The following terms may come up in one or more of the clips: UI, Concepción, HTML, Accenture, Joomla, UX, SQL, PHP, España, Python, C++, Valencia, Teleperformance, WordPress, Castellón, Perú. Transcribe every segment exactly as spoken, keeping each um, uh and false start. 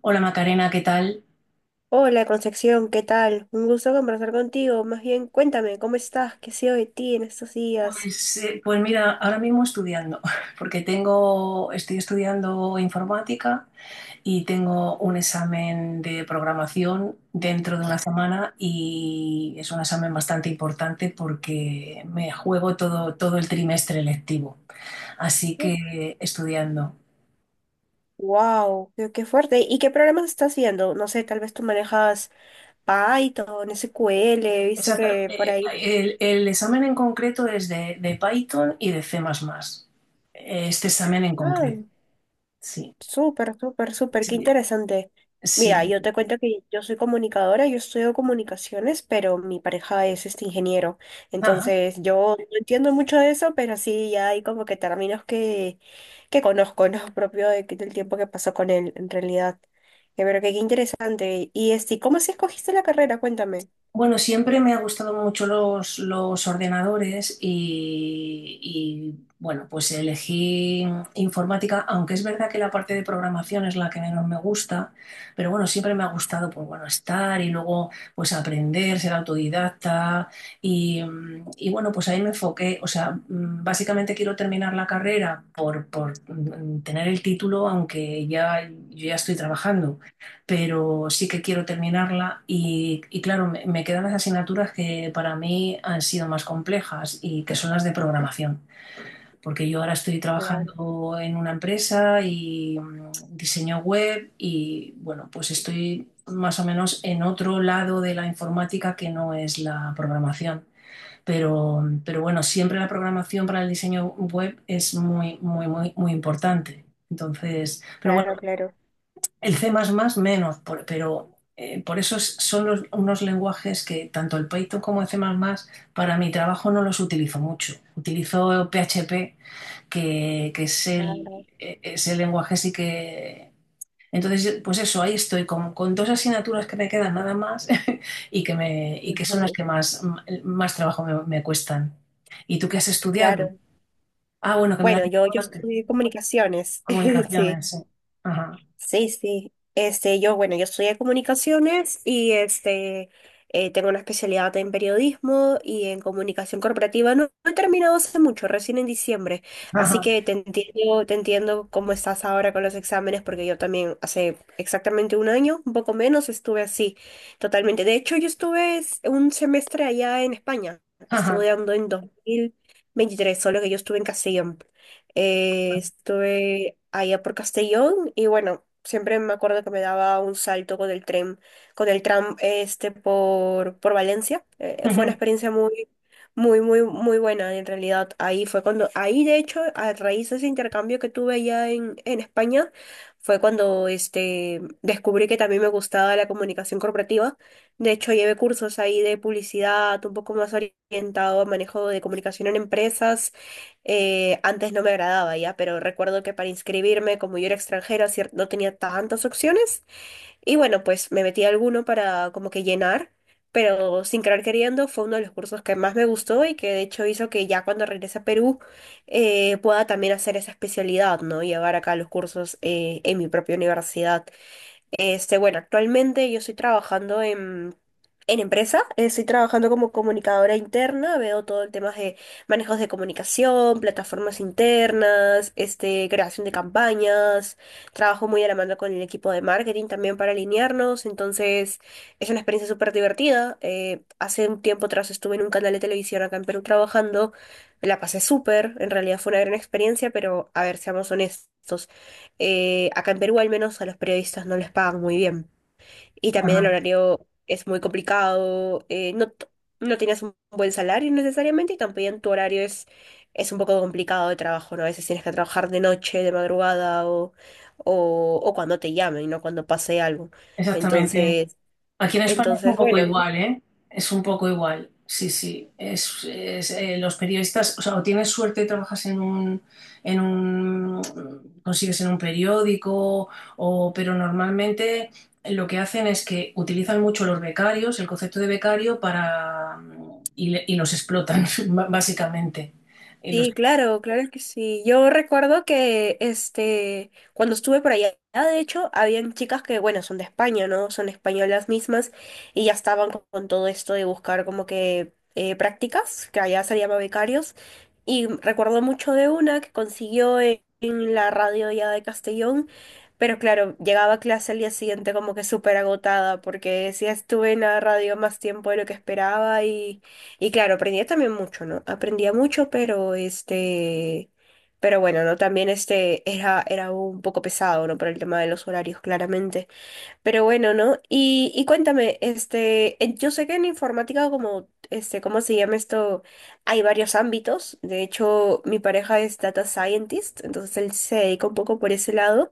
Hola Macarena, ¿qué tal? Hola Concepción, ¿qué tal? Un gusto conversar contigo. Más bien, cuéntame, ¿cómo estás? ¿Qué ha sido de ti en estos días? Pues, eh, pues mira, ahora mismo estudiando, porque tengo, estoy estudiando informática y tengo un examen de programación dentro de una semana y es un examen bastante importante porque me juego todo, todo el trimestre lectivo, así que estudiando. Wow, qué, qué fuerte. ¿Y qué programas estás viendo? No sé, tal vez tú manejas Python, S Q L, he visto Exacta- que por eh, ahí. El, el examen en concreto es de, de Python y de C++. Este examen en Ah. concreto, sí. Súper, súper, súper, qué Sí, interesante. Mira, sí. yo te cuento que yo soy comunicadora, yo estudio comunicaciones, pero mi pareja es este ingeniero. Entonces, yo no entiendo mucho de eso, pero sí ya hay como que términos que, que conozco, ¿no? Propio de que- del tiempo que pasó con él, en realidad. Eh, Pero que qué interesante. Y este, ¿cómo así escogiste la carrera? Cuéntame. Bueno, siempre me ha gustado mucho los, los ordenadores y, y, bueno, pues elegí informática, aunque es verdad que la parte de programación es la que menos me gusta, pero bueno, siempre me ha gustado, pues bueno, estar y luego pues aprender, ser autodidacta y, mm, y, bueno, pues ahí me enfoqué, o sea, mm, básicamente quiero terminar la carrera por, por mm, tener el título, aunque ya, yo ya estoy trabajando pero sí que quiero terminarla y, y claro, me, me quedan las asignaturas que para mí han sido más complejas y que son las de programación, porque yo ahora estoy Claro, trabajando en una empresa y mm, diseño web y bueno, pues estoy más o menos en otro lado de la informática que no es la programación. Pero, mm, pero bueno, siempre la programación para el diseño web es muy, muy, muy, muy importante. Entonces, pero bueno, claro, claro, el C++ menos, por- pero eh, por eso es- son los- unos lenguajes que tanto el Python como el C++ para mi trabajo no los utilizo mucho. Utilizo P H P, que, que es claro. el, eh, es el lenguaje sí que... Entonces, pues eso, ahí estoy con, con dos asignaturas que me quedan nada más y que, me, y que son las Ujú. que más, más trabajo me, me cuestan. ¿Y tú qué has estudiado? Claro. Ah, bueno, que me la has Bueno, yo, dicho yo antes. estudié comunicaciones, sí. Comunicaciones, sí. Ajá, Sí, sí. Este, yo, bueno, yo estudié comunicaciones y este, eh, tengo una especialidad en periodismo y en comunicación corporativa. No, no he terminado hace mucho, recién en diciembre. Así ajá, que te entiendo, te entiendo cómo estás ahora con los exámenes, porque yo también hace exactamente un año, un poco menos, estuve así, totalmente. De hecho, yo estuve es- un semestre allá en España, ajá, estudiando en dos mil veintitrés, solo que yo estuve en Castellón. Eh, estuve allá por Castellón y bueno, siempre me acuerdo que me daba un salto con el tren, con el tram este por, por Valencia. Eh, fue una experiencia muy, muy, muy, muy buena en realidad. Ahí fue cuando, ahí de hecho, a raíz de ese intercambio que tuve allá en, en España, fue cuando este, descubrí que también me gustaba la comunicación corporativa. De hecho, llevé cursos ahí de publicidad, un poco más orientado a manejo de comunicación en empresas eh, antes no me agradaba ya, pero recuerdo que para inscribirme, como yo era extranjera, cier- no tenía tantas opciones. Y bueno, pues me metí a alguno para como que llenar, pero sin querer queriendo fue uno de los cursos que más me gustó y que de hecho hizo que ya cuando regrese a Perú eh, pueda también hacer esa especialidad, ¿no? Llevar acá los cursos eh, en mi propia universidad. Este, bueno, actualmente yo estoy trabajando en, en empresa, eh, estoy trabajando como comunicadora interna, veo todo el tema de manejos de comunicación, plataformas internas, este, creación de campañas, trabajo muy de la mano con el equipo de marketing también para alinearnos, entonces es una experiencia súper divertida. Eh, hace un tiempo atrás estuve en un canal de televisión acá en Perú trabajando, la pasé súper, en realidad fue una gran experiencia, pero a ver, seamos honestos. Eh, acá en Perú al menos a los periodistas no les pagan muy bien. Y también el ajá. horario es muy complicado, eh, no, t- no tienes un buen salario necesariamente y también tu horario es, es un poco complicado de trabajo, ¿no? A veces tienes que trabajar de noche, de madrugada o, o, o cuando te llamen, no cuando pase algo. Exactamente. Entonces, Aquí en España es un entonces poco bueno, ¿no? igual, ¿eh? Es un poco igual. Sí, sí. Es, es, eh, los periodistas, o sea, o tienes suerte y trabajas en un, en un, consigues en un periódico, o, pero normalmente lo que hacen es que utilizan mucho los becarios, el concepto de becario, para, y, le- y los explotan, básicamente. Y los Sí, claro, claro que sí. Yo recuerdo que este, cuando estuve por allá, de hecho, habían chicas que, bueno, son de España, ¿no? Son españolas mismas y ya estaban con, con todo esto de buscar como que eh, prácticas, que allá se llama becarios. Y recuerdo mucho de una que consiguió en, en la radio ya de Castellón, pero claro, llegaba a clase al día siguiente como que súper agotada porque sí estuve en la radio más tiempo de lo que esperaba y claro, aprendía también mucho, ¿no? Aprendía mucho, pero este, pero bueno, ¿no? También este era, era un poco pesado, ¿no? Por el tema de los horarios, claramente. Pero bueno, ¿no? Y, y cuéntame, este, en- yo sé que en informática, como, este, ¿cómo se llama esto? Hay varios ámbitos. De hecho, mi pareja es data scientist, entonces él se dedica un poco por ese lado.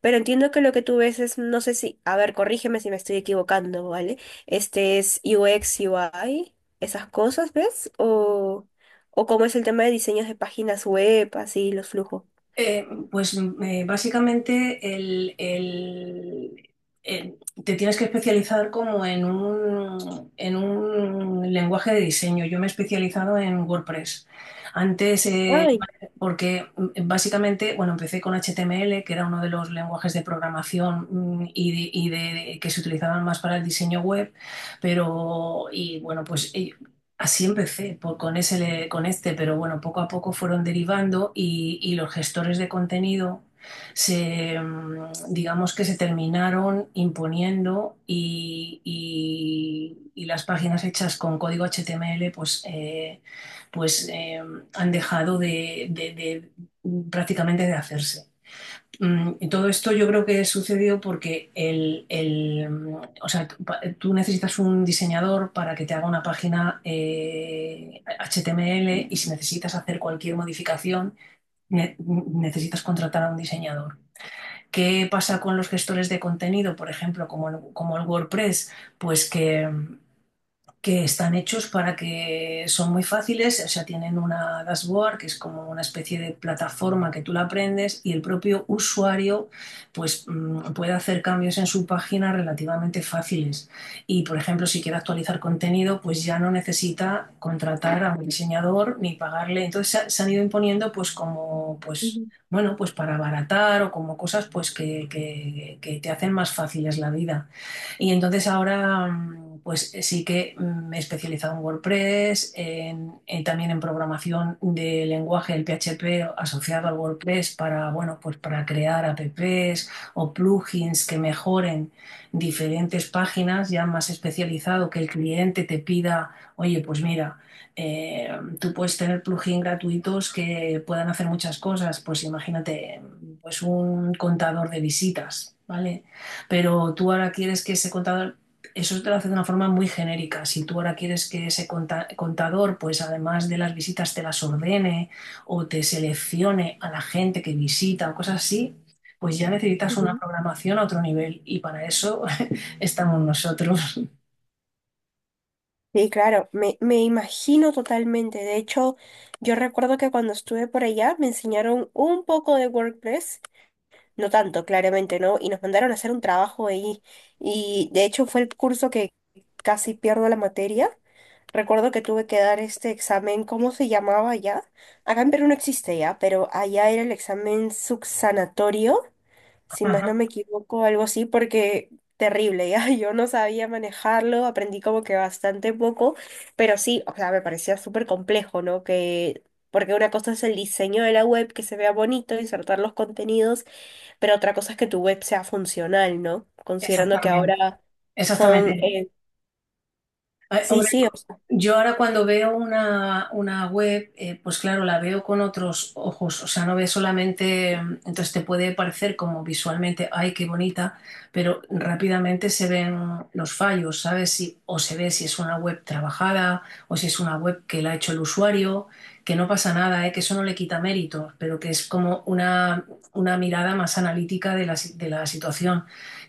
Pero entiendo que lo que tú ves es, no sé si, a ver, corrígeme si me estoy equivocando, ¿vale? Este es U X, U I, esas cosas, ¿ves? O, o cómo es el tema de diseños de páginas web, así, los flujos. Eh, pues mm, eh, básicamente el, el- el- te tienes que especializar como en un, en un lenguaje de diseño. Yo me he especializado en WordPress. Antes, eh, Ay. porque mm, básicamente, bueno, empecé con H T M L, que era uno de los lenguajes de programación mm, y, de- y de- que se utilizaban más para el diseño web, pero, y bueno, pues eh, así empecé por- con ese, con este, pero bueno, poco a poco fueron derivando y, y los gestores de contenido se, mm, digamos que se terminaron imponiendo y, y- y las páginas hechas con código H T M L pues, eh, pues eh, han dejado de, de- de- prácticamente de hacerse. Mm, y todo esto yo creo que sucedió porque el, el, mm, o sea, tú pa- tú necesitas un diseñador para que te haga una página eh, H T M L y si necesitas hacer cualquier modificación, ne- necesitas contratar a un diseñador. ¿Qué pasa con los gestores de contenido, por ejemplo, como el, como el WordPress? Pues que, mm, que están hechos para que son muy fáciles, o sea, tienen una dashboard que es como una especie de plataforma que tú la aprendes y el propio usuario pues mm, puede hacer cambios en su página relativamente fáciles. Y por ejemplo, si quiere actualizar contenido, pues ya no necesita contratar a un diseñador ni pagarle. Entonces se, se han ido imponiendo pues como pues Ujú, bueno, pues para abaratar o como cosas pues que, que- que te hacen más fáciles la vida. Y entonces ahora, mm, pues eh, sí que mm, me he especializado en WordPress, en- en también en programación de lenguaje, el P H P asociado al WordPress para, bueno, pues para crear apps o plugins que mejoren diferentes páginas, ya más especializado, que el cliente te pida, oye, pues mira, eh, tú puedes tener plugins gratuitos que puedan hacer muchas cosas, pues imagínate, pues un contador de visitas, ¿vale? Pero tú ahora quieres que ese contador, eso te lo hace de una forma muy genérica. Si tú ahora quieres que ese contador, pues además de las visitas, te las ordene o te seleccione a la gente que visita o cosas así, pues ya necesitas una ujú. programación a otro nivel. Y para eso estamos nosotros. Sí, claro, me, me imagino totalmente. De hecho, yo recuerdo que cuando estuve por allá me enseñaron un poco de WordPress, no tanto, claramente, ¿no? Y nos mandaron a hacer un trabajo ahí. Y de hecho fue el curso que casi pierdo la materia. Recuerdo que tuve que dar este examen, ¿cómo se llamaba allá? Acá en Perú no existe ya, pero allá era el examen subsanatorio si más Ajá, no me equivoco, algo así, porque terrible, ya yo no sabía manejarlo, aprendí como que bastante poco, pero sí, o sea, me parecía súper complejo, ¿no? Que, porque una cosa es el diseño de la web, que se vea bonito, insertar los contenidos, pero otra cosa es que tu web sea funcional, ¿no? Considerando que exactamente, ahora son, exactamente. eh, Ay, sí, hombre, sí. yo ahora cuando veo una, una web, eh, pues claro, la veo con otros ojos, o sea, no ve solamente, mm, entonces te puede parecer como visualmente, ay, qué bonita, pero rápidamente se ven los fallos, ¿sabes? Si, o se ve si es una web trabajada o si es una web que la ha hecho el usuario, que no pasa nada, ¿eh? Que eso no le quita méritos, pero que es como una, una mirada más analítica de la, si- de la situación,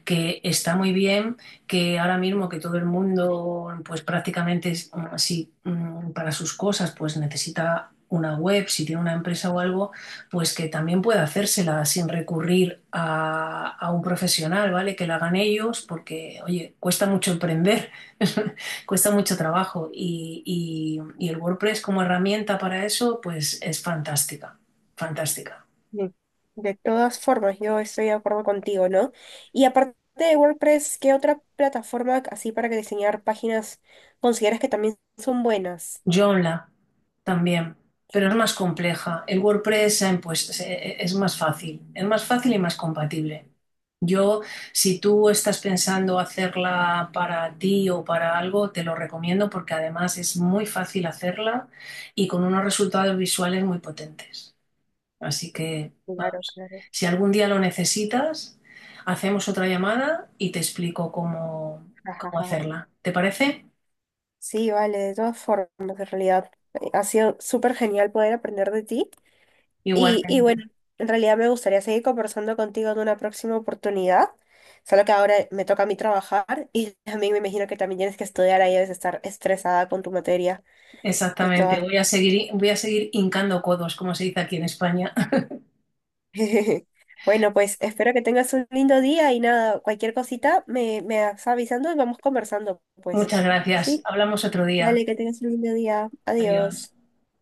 que está muy bien que ahora mismo que todo el mundo, pues prácticamente es así mm, para sus cosas, pues necesita una web, si tiene una empresa o algo, pues que también pueda hacérsela sin recurrir a, a un profesional, ¿vale? Que la hagan ellos, porque, oye, cuesta mucho emprender, cuesta mucho trabajo y, y- y el WordPress como herramienta para eso, pues es fantástica, fantástica. Mm. De todas formas, yo estoy de acuerdo contigo, ¿no? Y aparte de WordPress, ¿qué otra plataforma así para que diseñar páginas consideras que también son buenas? Joomla también, Yo, pero es más compleja. El WordPress se ha impuesto- se- es más fácil, es más fácil y más compatible. Yo, si tú estás pensando hacerla para ti o para algo, te lo recomiendo porque además es muy fácil hacerla y con unos resultados visuales muy potentes. Así que, claro, vamos, claro. si algún día lo necesitas, hacemos otra llamada y te explico cómo, cómo Ajá. hacerla. ¿Te parece? Sí, vale, de todas formas, en realidad. eh, Ha sido súper genial poder aprender de ti. Igual. Y, y bueno, en realidad me gustaría seguir conversando contigo en una próxima oportunidad. Solo que ahora me toca a mí trabajar y también me imagino que también tienes que estudiar ahí, debes estar estresada con tu materia. De Exactamente, todas. voy a seguir, voy a seguir hincando codos, como se dice aquí en España. Bueno, pues espero que tengas un lindo día y nada, cualquier cosita me, me vas avisando y vamos conversando, pues. Muchas gracias. Sí, Hablamos otro día. dale, que tengas un lindo día. Adiós. Adiós.